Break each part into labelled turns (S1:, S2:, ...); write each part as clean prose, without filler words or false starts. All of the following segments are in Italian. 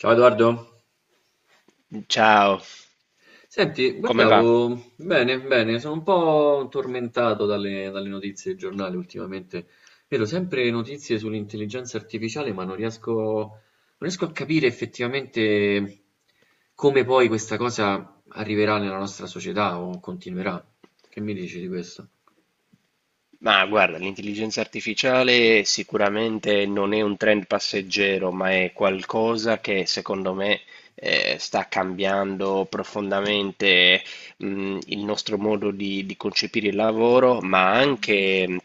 S1: Ciao Edoardo,
S2: Ciao,
S1: senti,
S2: come va?
S1: guardavo bene, sono un po' tormentato dalle notizie del giornale ultimamente. Vedo sempre notizie sull'intelligenza artificiale, ma non riesco, non riesco a capire effettivamente come poi questa cosa arriverà nella nostra società o continuerà. Che mi dici di questo?
S2: Ma guarda, l'intelligenza artificiale sicuramente non è un trend passeggero, ma è qualcosa che secondo me sta cambiando profondamente il nostro modo di concepire il lavoro, ma anche,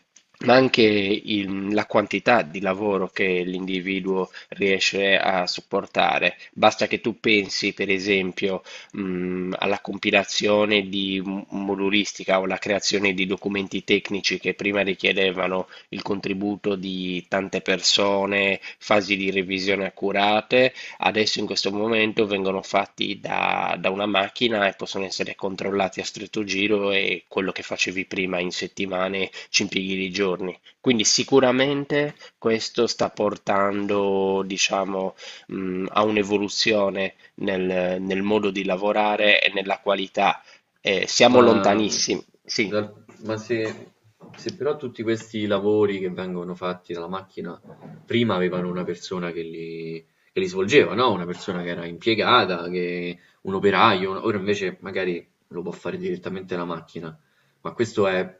S2: ma anche il- la quantità di lavoro che l'individuo riesce a sopportare. Basta che tu pensi, per esempio, alla compilazione di modulistica o alla creazione di documenti tecnici che prima richiedevano il contributo di tante persone, fasi di revisione accurate. Adesso in questo momento vengono fatti da una macchina e possono essere controllati a stretto giro, e quello che facevi prima in settimane ci impieghi di giorni. Quindi sicuramente questo sta portando, diciamo, a un'evoluzione nel modo di lavorare e nella qualità. Siamo
S1: Ma, mm,
S2: lontanissimi, sì.
S1: dal- ma se, Se però tutti questi lavori che vengono fatti dalla macchina prima avevano una persona che li svolgeva, no? Una persona che era impiegata, che, un operaio, ora invece magari lo può fare direttamente la macchina. Ma questo è,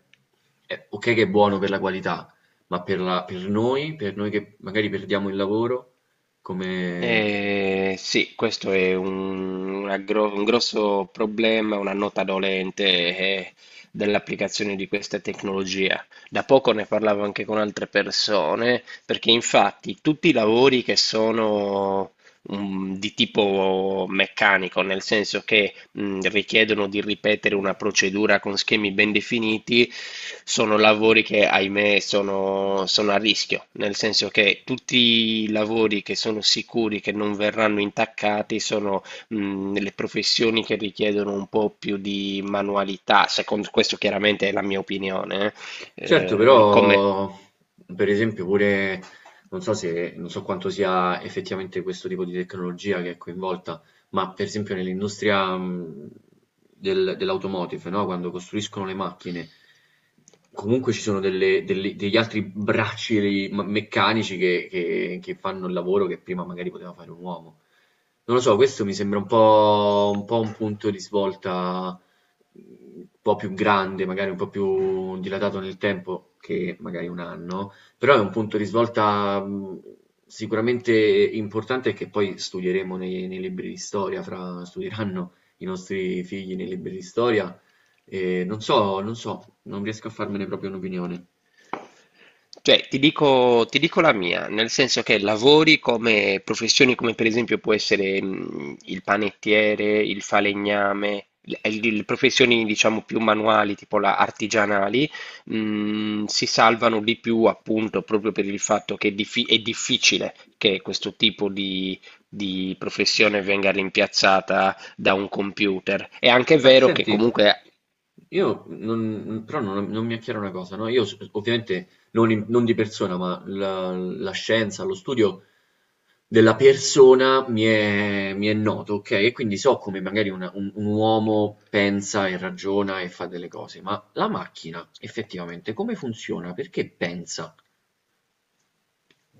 S1: è ok che è buono per la qualità, ma per noi che magari perdiamo il lavoro, come?
S2: Sì, questo è un grosso problema, una nota dolente eh, dell'applicazione di questa tecnologia. Da poco ne parlavo anche con altre persone, perché infatti tutti i lavori che sono di tipo meccanico, nel senso che richiedono di ripetere una procedura con schemi ben definiti, sono lavori che, ahimè, sono a rischio, nel senso che tutti i lavori che sono sicuri che non verranno intaccati sono le professioni che richiedono un po' più di manualità. Secondo questo, chiaramente, è la mia opinione. eh,
S1: Certo,
S2: Eh, come...
S1: però per esempio pure non so quanto sia effettivamente questo tipo di tecnologia che è coinvolta, ma per esempio nell'industria dell'automotive, no? Quando costruiscono le macchine, comunque ci sono degli altri bracci meccanici che fanno il lavoro che prima magari poteva fare un uomo. Non lo so, questo mi sembra un po' un punto di svolta un po' più grande, magari un po' più dilatato nel tempo che magari un anno, però è un punto di svolta sicuramente importante che poi studieremo nei libri di storia, studieranno i nostri figli nei libri di storia. E non so, non riesco a farmene proprio un'opinione.
S2: Cioè, ti dico la mia, nel senso che lavori come professioni come per esempio può essere il panettiere, il falegname, le professioni diciamo più manuali, tipo la artigianali, si salvano di più, appunto, proprio per il fatto che è difficile che questo tipo di professione venga rimpiazzata da un computer. È anche
S1: Ma
S2: vero che
S1: senti,
S2: comunque.
S1: io non, però non, non mi è chiara una cosa, no? Io ovviamente non di persona, ma la scienza, lo studio della persona mi è noto, ok? E quindi so come magari un uomo pensa e ragiona e fa delle cose, ma la macchina effettivamente come funziona? Perché pensa?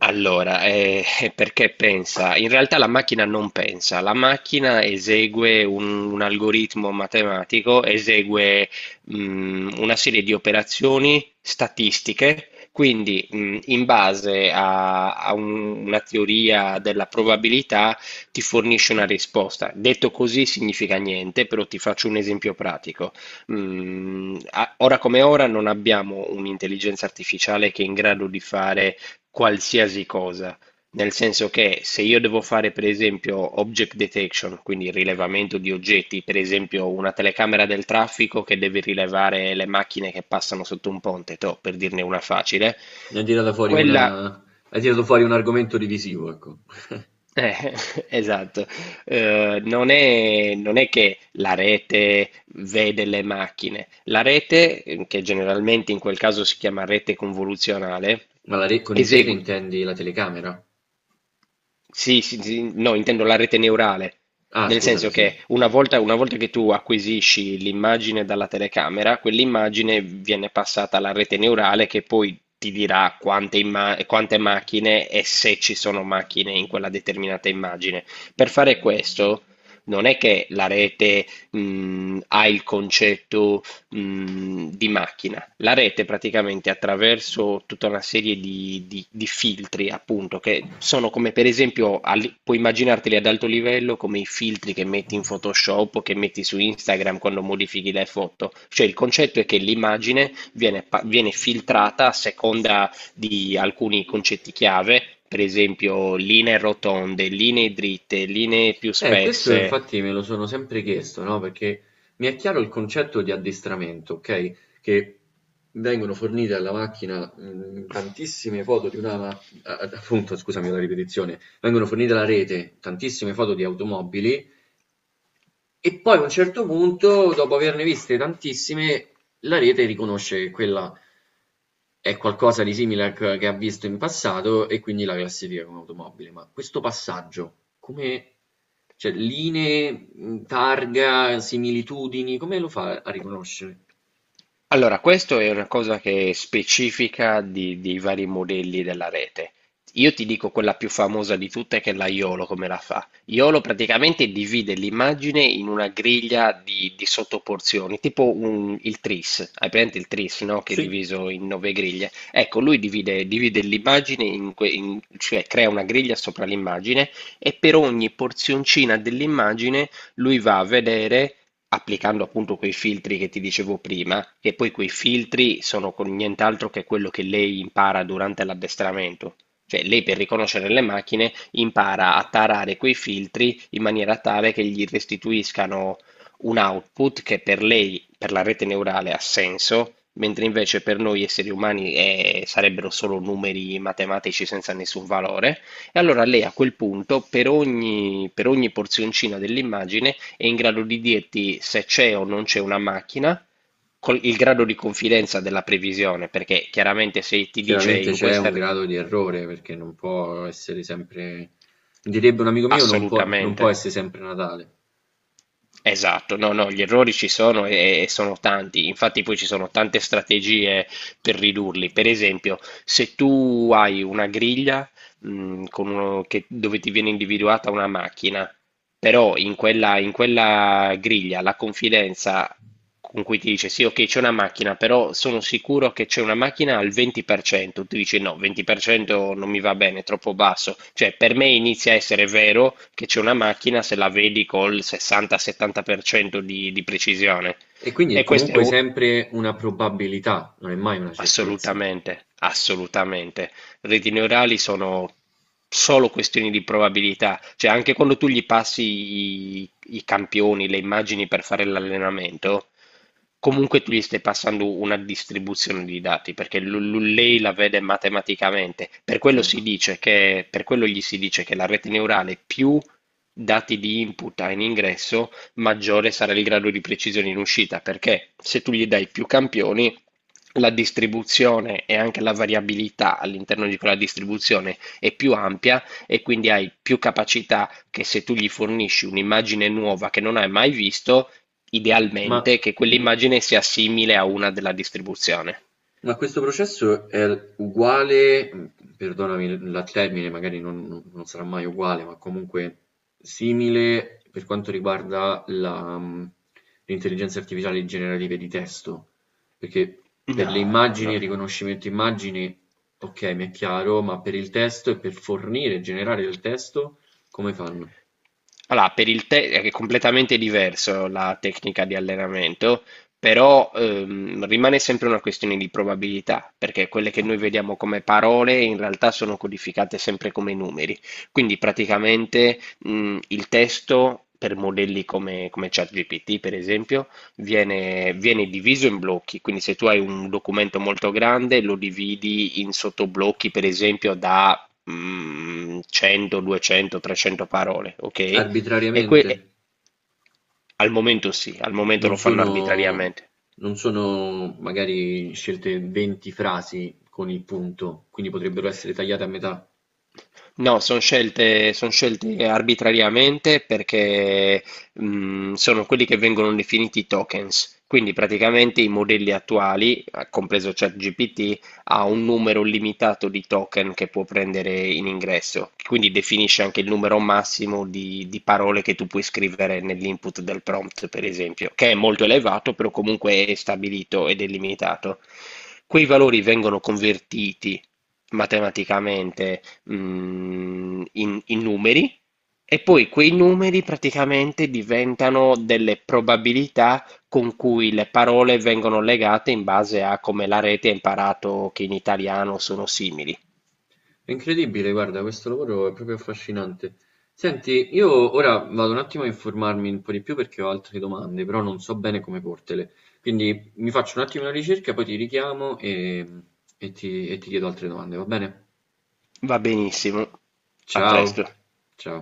S2: Allora, è perché pensa: in realtà la macchina non pensa, la macchina esegue un algoritmo matematico, esegue una serie di operazioni statistiche, quindi in base a una teoria della probabilità ti fornisce una risposta. Detto così significa niente, però ti faccio un esempio pratico. Ora come ora non abbiamo un'intelligenza artificiale che è in grado di fare qualsiasi cosa, nel senso che se io devo fare per esempio object detection, quindi il rilevamento di oggetti, per esempio una telecamera del traffico che deve rilevare le macchine che passano sotto un ponte, toh, per dirne una facile.
S1: Ne hai tirata fuori
S2: quella...
S1: una, hai tirato fuori un argomento divisivo, ecco.
S2: eh, esatto. Non è che la rete vede le macchine; la rete, che generalmente in quel caso si chiama rete convoluzionale,
S1: Ma con il rete
S2: esegue.
S1: intendi la telecamera?
S2: Sì, sì, sì, no, intendo la rete neurale,
S1: Ah,
S2: nel
S1: scusami,
S2: senso
S1: sì.
S2: che una volta che tu acquisisci l'immagine dalla telecamera, quell'immagine viene passata alla rete neurale, che poi ti dirà quante macchine, e se ci sono macchine in quella determinata immagine. Per fare questo, non è che la rete, ha il concetto, di macchina. La rete praticamente, attraverso tutta una serie di filtri, appunto, che sono come, per esempio, puoi immaginarteli ad alto livello come i filtri che metti in Photoshop o che metti su Instagram quando modifichi le foto. Cioè, il concetto è che l'immagine viene filtrata a seconda di alcuni concetti chiave, per esempio linee rotonde, linee dritte, linee più
S1: Questo
S2: spesse.
S1: infatti me lo sono sempre chiesto, no? Perché mi è chiaro il concetto di addestramento, ok? Che vengono fornite alla macchina tantissime foto di una, ma- a- a- appunto, scusami la ripetizione, vengono fornite alla rete tantissime foto di automobili e poi a un certo punto, dopo averne viste tantissime, la rete riconosce che quella è qualcosa di simile a che ha visto in passato e quindi la classifica come automobile. Ma questo passaggio, come, cioè, linee, targa, similitudini, come lo fa a riconoscere?
S2: Allora, questo è una cosa che è specifica dei vari modelli della rete. Io ti dico quella più famosa di tutte, che è la YOLO, come la fa. YOLO praticamente divide l'immagine in una griglia di sottoporzioni, tipo il tris. Hai presente il tris, no? Che è
S1: Sì.
S2: diviso in nove griglie. Ecco, lui divide l'immagine, cioè crea una griglia sopra l'immagine, e per ogni porzioncina dell'immagine lui va a vedere, applicando appunto quei filtri che ti dicevo prima, e poi quei filtri sono con nient'altro che quello che lei impara durante l'addestramento. Cioè, lei per riconoscere le macchine impara a tarare quei filtri in maniera tale che gli restituiscano un output che per lei, per la rete neurale, ha senso, mentre invece per noi esseri umani sarebbero solo numeri matematici senza nessun valore. E allora lei a quel punto, per ogni porzioncina dell'immagine, è in grado di dirti se c'è o non c'è una macchina, il grado di confidenza della previsione. Perché chiaramente se ti dice
S1: Chiaramente
S2: in
S1: c'è
S2: questa...
S1: un
S2: ri-
S1: grado di errore perché non può essere sempre, direbbe un amico mio, non
S2: Assolutamente.
S1: può essere sempre Natale.
S2: Esatto, no, no, gli errori ci sono e sono tanti, infatti poi ci sono tante strategie per ridurli. Per esempio, se tu hai una griglia con dove ti viene individuata una macchina, però in quella griglia la confidenza con cui ti dice sì, ok, c'è una macchina, però sono sicuro che c'è una macchina al 20%. Tu dici no, 20% non mi va bene, è troppo basso. Cioè, per me inizia a essere vero che c'è una macchina se la vedi col 60-70% di precisione.
S1: E quindi è
S2: E questo è
S1: comunque
S2: un...
S1: sempre una probabilità, non è mai una certezza.
S2: Assolutamente, assolutamente. Reti neurali sono solo questioni di probabilità, cioè anche quando tu gli passi i campioni, le immagini per fare l'allenamento, comunque tu gli stai passando una distribuzione di dati, perché lei la vede matematicamente. Per quello si
S1: Certo.
S2: dice che, per quello gli si dice che la rete neurale più dati di input ha in ingresso, maggiore sarà il grado di precisione in uscita, perché se tu gli dai più campioni, la distribuzione e anche la variabilità all'interno di quella distribuzione è più ampia, e quindi hai più capacità che, se tu gli fornisci un'immagine nuova che non hai mai visto,
S1: Ma
S2: idealmente che quell'immagine sia simile a una della distribuzione.
S1: Ma questo processo è uguale, perdonami la termine, magari non sarà mai uguale, ma comunque simile per quanto riguarda la, l'intelligenza artificiale generativa di testo, perché per le
S2: No, no,
S1: immagini,
S2: no,
S1: il
S2: no.
S1: riconoscimento immagini, ok, mi è chiaro, ma per il testo e per fornire e generare il testo, come fanno?
S2: Allora, per il te è completamente diverso la tecnica di allenamento, però rimane sempre una questione di probabilità, perché quelle che noi vediamo come parole in realtà sono codificate sempre come numeri. Quindi praticamente il testo per modelli come ChatGPT, per esempio, viene diviso in blocchi. Quindi se tu hai un documento molto grande, lo dividi in sottoblocchi, per esempio, da 100, 200, 300 parole, ok? E que-
S1: Arbitrariamente?
S2: e- al momento sì, al momento
S1: Non
S2: lo fanno
S1: sono,
S2: arbitrariamente.
S1: non sono magari scelte 20 frasi con il punto, quindi potrebbero essere tagliate a metà.
S2: No, sono scelte arbitrariamente, perché sono quelli che vengono definiti tokens. Quindi praticamente i modelli attuali, compreso ChatGPT, ha un numero limitato di token che può prendere in ingresso. Quindi definisce anche il numero massimo di parole che tu puoi scrivere nell'input del prompt, per esempio, che è molto elevato, però comunque è stabilito ed è limitato. Quei valori vengono convertiti matematicamente in numeri, e poi quei numeri praticamente diventano delle probabilità con cui le parole vengono legate in base a come la rete ha imparato che in italiano sono simili.
S1: È incredibile, guarda, questo lavoro è proprio affascinante. Senti, io ora vado un attimo a informarmi un po' di più perché ho altre domande, però non so bene come portele. Quindi mi faccio un attimo una ricerca, poi ti richiamo e ti chiedo altre domande, va bene?
S2: Va benissimo, a
S1: Ciao,
S2: presto.
S1: ciao.